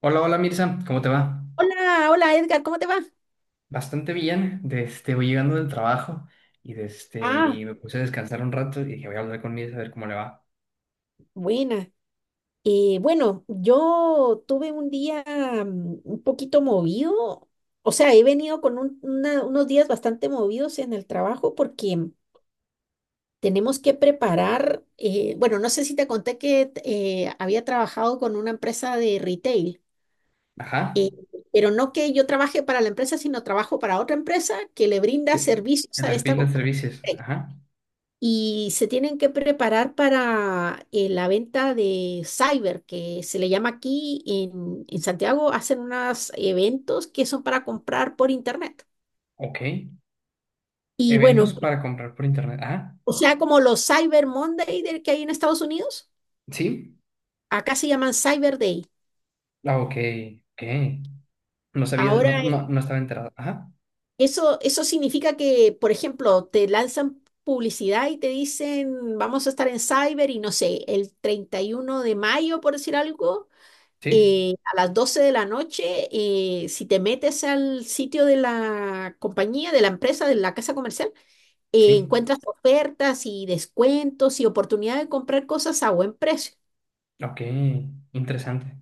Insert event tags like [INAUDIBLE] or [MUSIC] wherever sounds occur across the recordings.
Hola, hola Mirza, ¿cómo te va? Hola, hola Edgar, ¿cómo te va? Bastante bien, voy llegando del trabajo y, de este, Ah, y me puse a descansar un rato y dije voy a hablar con Mirza a ver cómo le va. buena. Bueno, yo tuve un día un poquito movido. O sea, he venido con unos días bastante movidos en el trabajo porque tenemos que preparar, bueno, no sé si te conté que había trabajado con una empresa de retail, Ajá, eh, pero no que yo trabaje para la empresa, sino trabajo para otra empresa que le brinda ¿qué? servicios El a esta perfil de compañía. servicios, ajá, Y se tienen que preparar para la venta de cyber, que se le llama aquí en Santiago. Hacen unos eventos que son para comprar por internet. ok. Y Eventos bueno, para comprar por internet, ajá, o sea, como los Cyber Monday del que hay en Estados Unidos, sí, acá se llaman Cyber Day. ah, ok, ok. No sabía, Ahora, no, no, no estaba enterado, ajá, eso significa que, por ejemplo, te lanzan publicidad y te dicen, vamos a estar en Cyber y no sé, el 31 de mayo, por decir algo, sí, a las 12 de la noche. Si te metes al sitio de la compañía, de la empresa, de la casa comercial, sí, encuentras ofertas y descuentos y oportunidad de comprar cosas a buen precio. ok, interesante.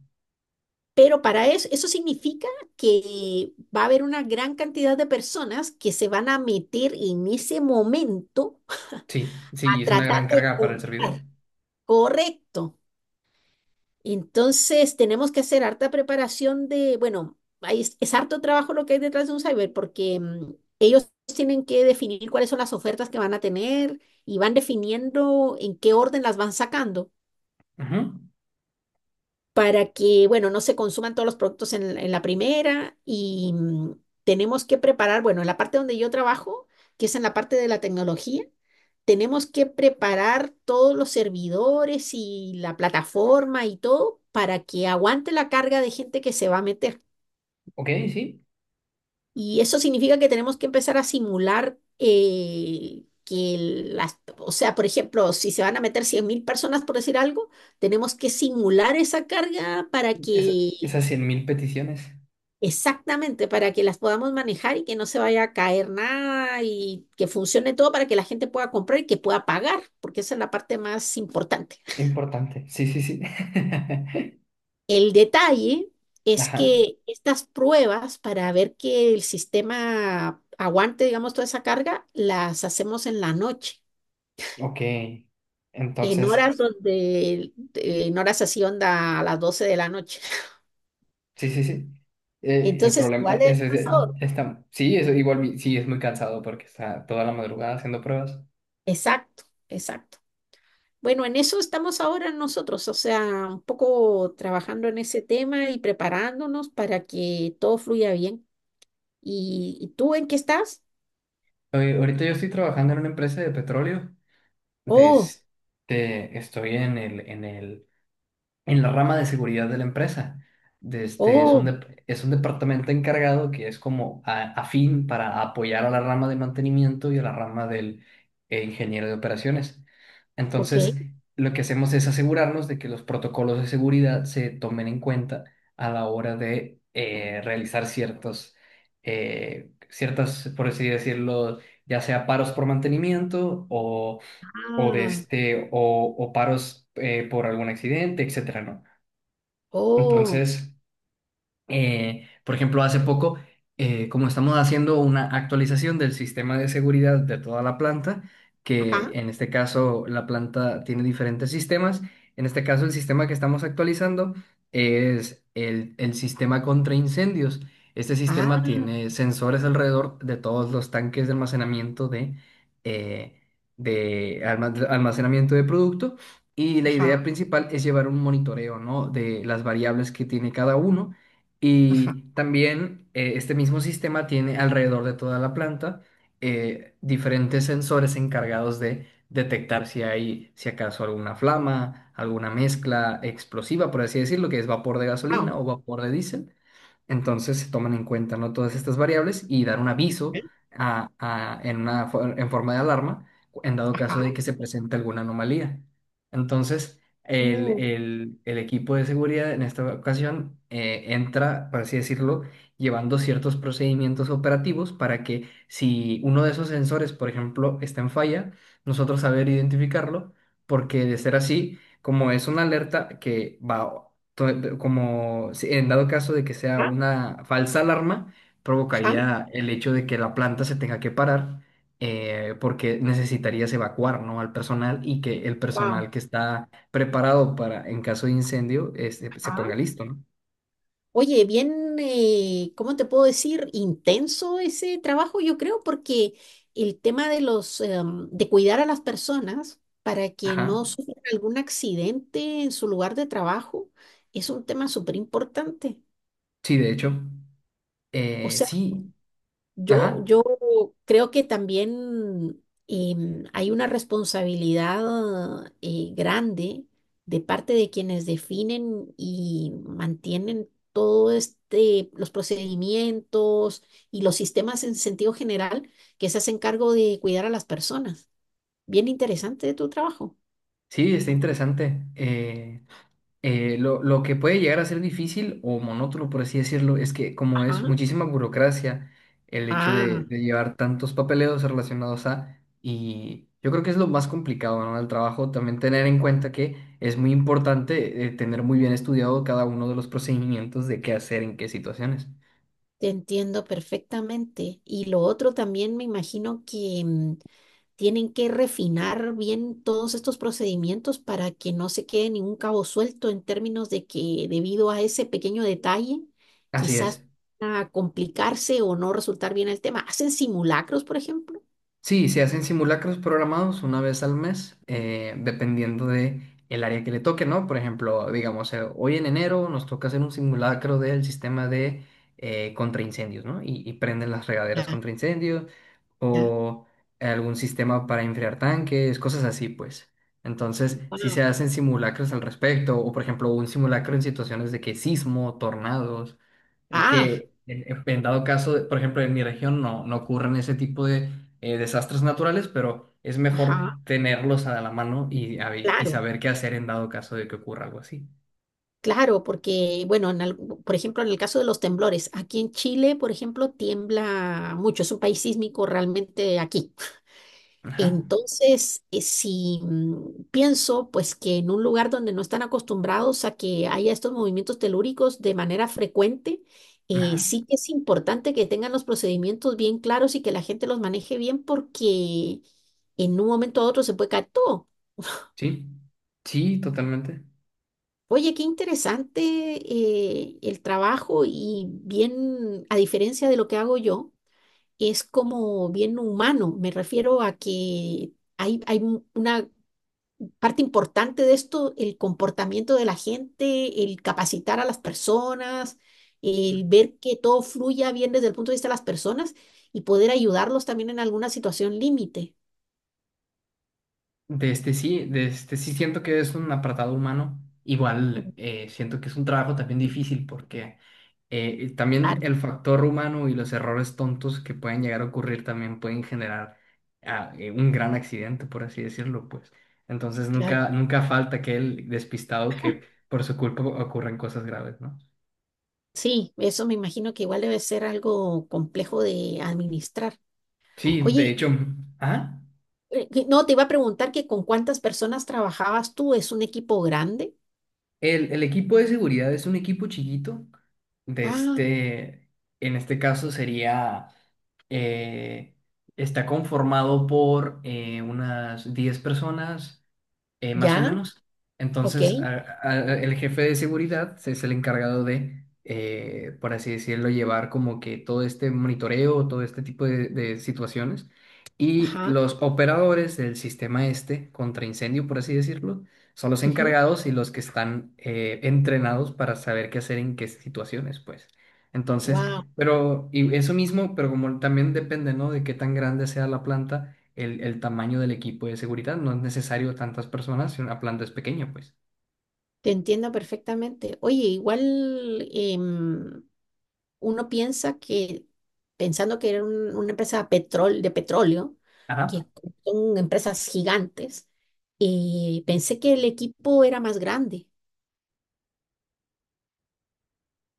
Pero para eso, eso significa que va a haber una gran cantidad de personas que se van a meter en ese momento Sí, sí, a es una tratar gran de carga para el servidor. comprar. Correcto. Entonces, tenemos que hacer harta preparación de, bueno, ahí es harto trabajo lo que hay detrás de un cyber, porque ellos tienen que definir cuáles son las ofertas que van a tener y van definiendo en qué orden las van sacando Ajá, para que, bueno, no se consuman todos los productos en la primera y tenemos que preparar, bueno, en la parte donde yo trabajo, que es en la parte de la tecnología, tenemos que preparar todos los servidores y la plataforma y todo para que aguante la carga de gente que se va a meter. ok, sí, Y eso significa que tenemos que empezar a simular o sea, por ejemplo, si se van a meter 100.000 personas, por decir algo, tenemos que simular esa carga para es, que... esas 100.000 peticiones. Exactamente, para que las podamos manejar y que no se vaya a caer nada y que funcione todo para que la gente pueda comprar y que pueda pagar, porque esa es la parte más importante. Importante, sí, sí, sí. [LAUGHS] El detalle es Ajá, que estas pruebas para ver que el sistema aguante, digamos, toda esa carga, las hacemos en la noche, ok. en Entonces, horas donde, en horas así onda a las 12 de la noche. sí, sí, sí. El Entonces, problema igual es cansador. está, sí, eso igual, sí, es muy cansado porque está toda la madrugada haciendo pruebas. Exacto, exacto. Bueno, en eso estamos ahora nosotros, o sea, un poco trabajando en ese tema y preparándonos para que todo fluya bien. Y tú en qué estás? Oye, ahorita yo estoy trabajando en una empresa de petróleo. de Oh, este, estoy en la rama de seguridad de la empresa. Es un, oh, dep- es un departamento encargado que es como afín para apoyar a la rama de mantenimiento y a la rama del ingeniero de operaciones. ok. Entonces, lo que hacemos es asegurarnos de que los protocolos de seguridad se tomen en cuenta a la hora de realizar ciertas, por así decirlo, ya sea paros por mantenimiento o de Ah, este, o paros por algún accidente, etcétera, ¿no? oh, Entonces, por ejemplo, hace poco, como estamos haciendo una actualización del sistema de seguridad de toda la planta, que ajá, en este caso la planta tiene diferentes sistemas, en este caso el sistema que estamos actualizando es el sistema contra incendios. Este ah, sistema tiene sensores alrededor de todos los tanques de almacenamiento eh, de almacenamiento de producto, y la idea ajá, principal es llevar un monitoreo, ¿no? de las variables que tiene cada uno. ajá, Y también este mismo sistema tiene alrededor de toda la planta diferentes sensores encargados de detectar si hay, si acaso alguna flama, alguna mezcla explosiva, por así decirlo, que es vapor de wow, gasolina o vapor de diésel. Entonces se toman en cuenta, ¿no? todas estas variables y dar un aviso ¿eh? En forma de alarma en dado caso Ajá, de que se presente alguna anomalía. Entonces, el, uh, el- el equipo de seguridad en esta ocasión entra, por así decirlo, llevando ciertos procedimientos operativos para que si uno de esos sensores, por ejemplo, está en falla, nosotros saber identificarlo, porque de ser así, como es una alerta que va, to- como si- en dado caso de que sea ah, una falsa alarma, ajá, provocaría el hecho de que la planta se tenga que parar. Porque necesitarías evacuar, ¿no? al personal y que el wow. personal que está preparado para, en caso de incendio, se ponga listo, ¿no? Oye, bien, ¿cómo te puedo decir? Intenso ese trabajo, yo creo, porque el tema de los, de cuidar a las personas para que no Ajá. sufran algún accidente en su lugar de trabajo es un tema súper importante. Sí, de hecho. O sea, Sí, Yo, ajá. yo creo que también hay una responsabilidad grande de parte de quienes definen y mantienen todo este, los procedimientos y los sistemas en sentido general que se hacen cargo de cuidar a las personas. Bien interesante tu trabajo. Sí, está interesante. Lo que puede llegar a ser difícil o monótono, por así decirlo, es que como Ajá. es muchísima burocracia el hecho de, Ah, de llevar tantos papeleos relacionados a... Y yo creo que es lo más complicado, ¿no? Del trabajo, también tener en cuenta que es muy importante tener muy bien estudiado cada uno de los procedimientos de qué hacer en qué situaciones. te entiendo perfectamente. Y lo otro también me imagino que tienen que refinar bien todos estos procedimientos para que no se quede ningún cabo suelto en términos de que debido a ese pequeño detalle, Así quizás es. a complicarse o no resultar bien el tema. ¿Hacen simulacros, por ejemplo? Sí, se hacen simulacros programados una vez al mes, dependiendo de el área que le toque, ¿no? Por ejemplo, digamos, hoy en enero nos toca hacer un simulacro del sistema de contraincendios, ¿no? Y prenden las regaderas Ya, contra incendios ya. o algún sistema para enfriar tanques, cosas así, pues. Entonces, si Wao. se hacen simulacros al respecto, o por ejemplo, un simulacro en situaciones de que sismo, tornados, Ah, que en dado caso, por ejemplo, en mi región no ocurren ese tipo de desastres naturales, pero es mejor ajá, tenerlos a la mano y claro. saber qué hacer en dado caso de que ocurra algo así. Claro, porque, bueno, por ejemplo, en el caso de los temblores, aquí en Chile, por ejemplo, tiembla mucho, es un país sísmico realmente aquí. Ajá, Entonces, si mm, pienso, pues, que en un lugar donde no están acostumbrados a que haya estos movimientos telúricos de manera frecuente, ajá, sí que es importante que tengan los procedimientos bien claros y que la gente los maneje bien porque en un momento a otro se puede caer todo. sí, sí, totalmente. Oye, qué interesante el trabajo y bien, a diferencia de lo que hago yo, es como bien humano. Me refiero a que una parte importante de esto, el comportamiento de la gente, el capacitar a las personas, el ver que todo fluya bien desde el punto de vista de las personas y poder ayudarlos también en alguna situación límite. De este sí siento que es un apartado humano. Mm, Igual siento que es un trabajo también difícil porque también claro, el factor humano y los errores tontos que pueden llegar a ocurrir también pueden generar un gran accidente, por así decirlo, pues. Entonces claro. nunca, nunca falta aquel despistado que por su culpa ocurren cosas graves, ¿no? Sí, eso me imagino que igual debe ser algo complejo de administrar. Sí, Oye, de hecho. ¿Ah? No, te iba a preguntar que con cuántas personas trabajabas tú, ¿es un equipo grande? El equipo de seguridad es un equipo chiquito. De Ah, este, en este caso sería, eh, está conformado por unas 10 personas, más o ya, menos. ok, Entonces, el jefe de seguridad es el encargado de, por así decirlo, llevar como que todo este monitoreo, todo este tipo de situaciones. Y ajá, los operadores del sistema este, contra incendio, por así decirlo, son los encargados y los que están entrenados para saber qué hacer en qué situaciones, pues. Entonces, wow. pero, y eso mismo, pero como también depende, ¿no? De qué tan grande sea la planta, el tamaño del equipo de seguridad. No es necesario tantas personas si una planta es pequeña, pues. Te entiendo perfectamente. Oye, igual uno piensa que, pensando que era una empresa de petróleo, Ajá. que son empresas gigantes, pensé que el equipo era más grande.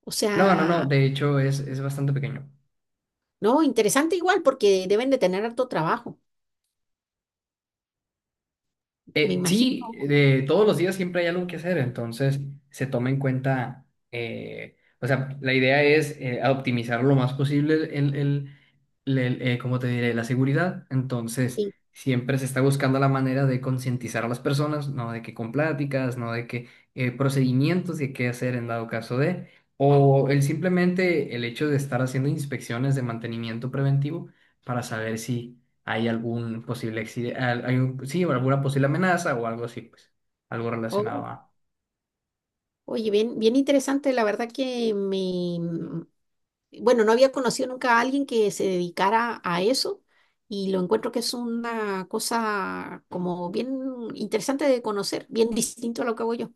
O No, no, no, sea, de hecho es bastante pequeño. no, interesante igual, porque deben de tener harto trabajo, me Sí, imagino. de todos los días siempre hay algo que hacer, entonces se toma en cuenta, o sea, la idea es a optimizar lo más posible ¿cómo te diré? La seguridad. Entonces, Sí. siempre se está buscando la manera de concientizar a las personas, no de que con pláticas, no de que procedimientos de qué hacer en dado caso de, o el simplemente el hecho de estar haciendo inspecciones de mantenimiento preventivo para saber si hay algún posible accidente, sí, o alguna posible amenaza o algo así, pues, algo relacionado Oh, a... oye, bien, bien interesante, la verdad que me, bueno, no había conocido nunca a alguien que se dedicara a eso y lo encuentro que es una cosa como bien interesante de conocer, bien distinto a lo que hago yo.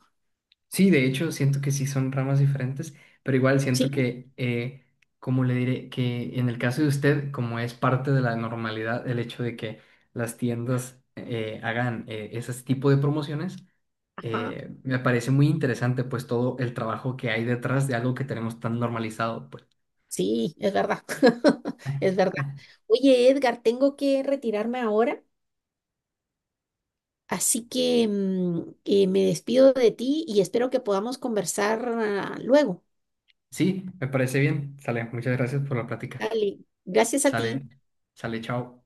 Sí, de hecho, siento que sí son ramas diferentes, pero igual siento Sí, que, como le diré, que en el caso de usted, como es parte de la normalidad el hecho de que las tiendas hagan ese tipo de promociones, ajá, me parece muy interesante, pues, todo el trabajo que hay detrás de algo que tenemos tan normalizado, pues. sí, es verdad, [LAUGHS] es verdad. [LAUGHS] Oye, Edgar, tengo que retirarme ahora, así que me despido de ti y espero que podamos conversar luego. Sí, me parece bien. Sale, muchas gracias por la plática. Dale, gracias a ti. Sale, sale, chao.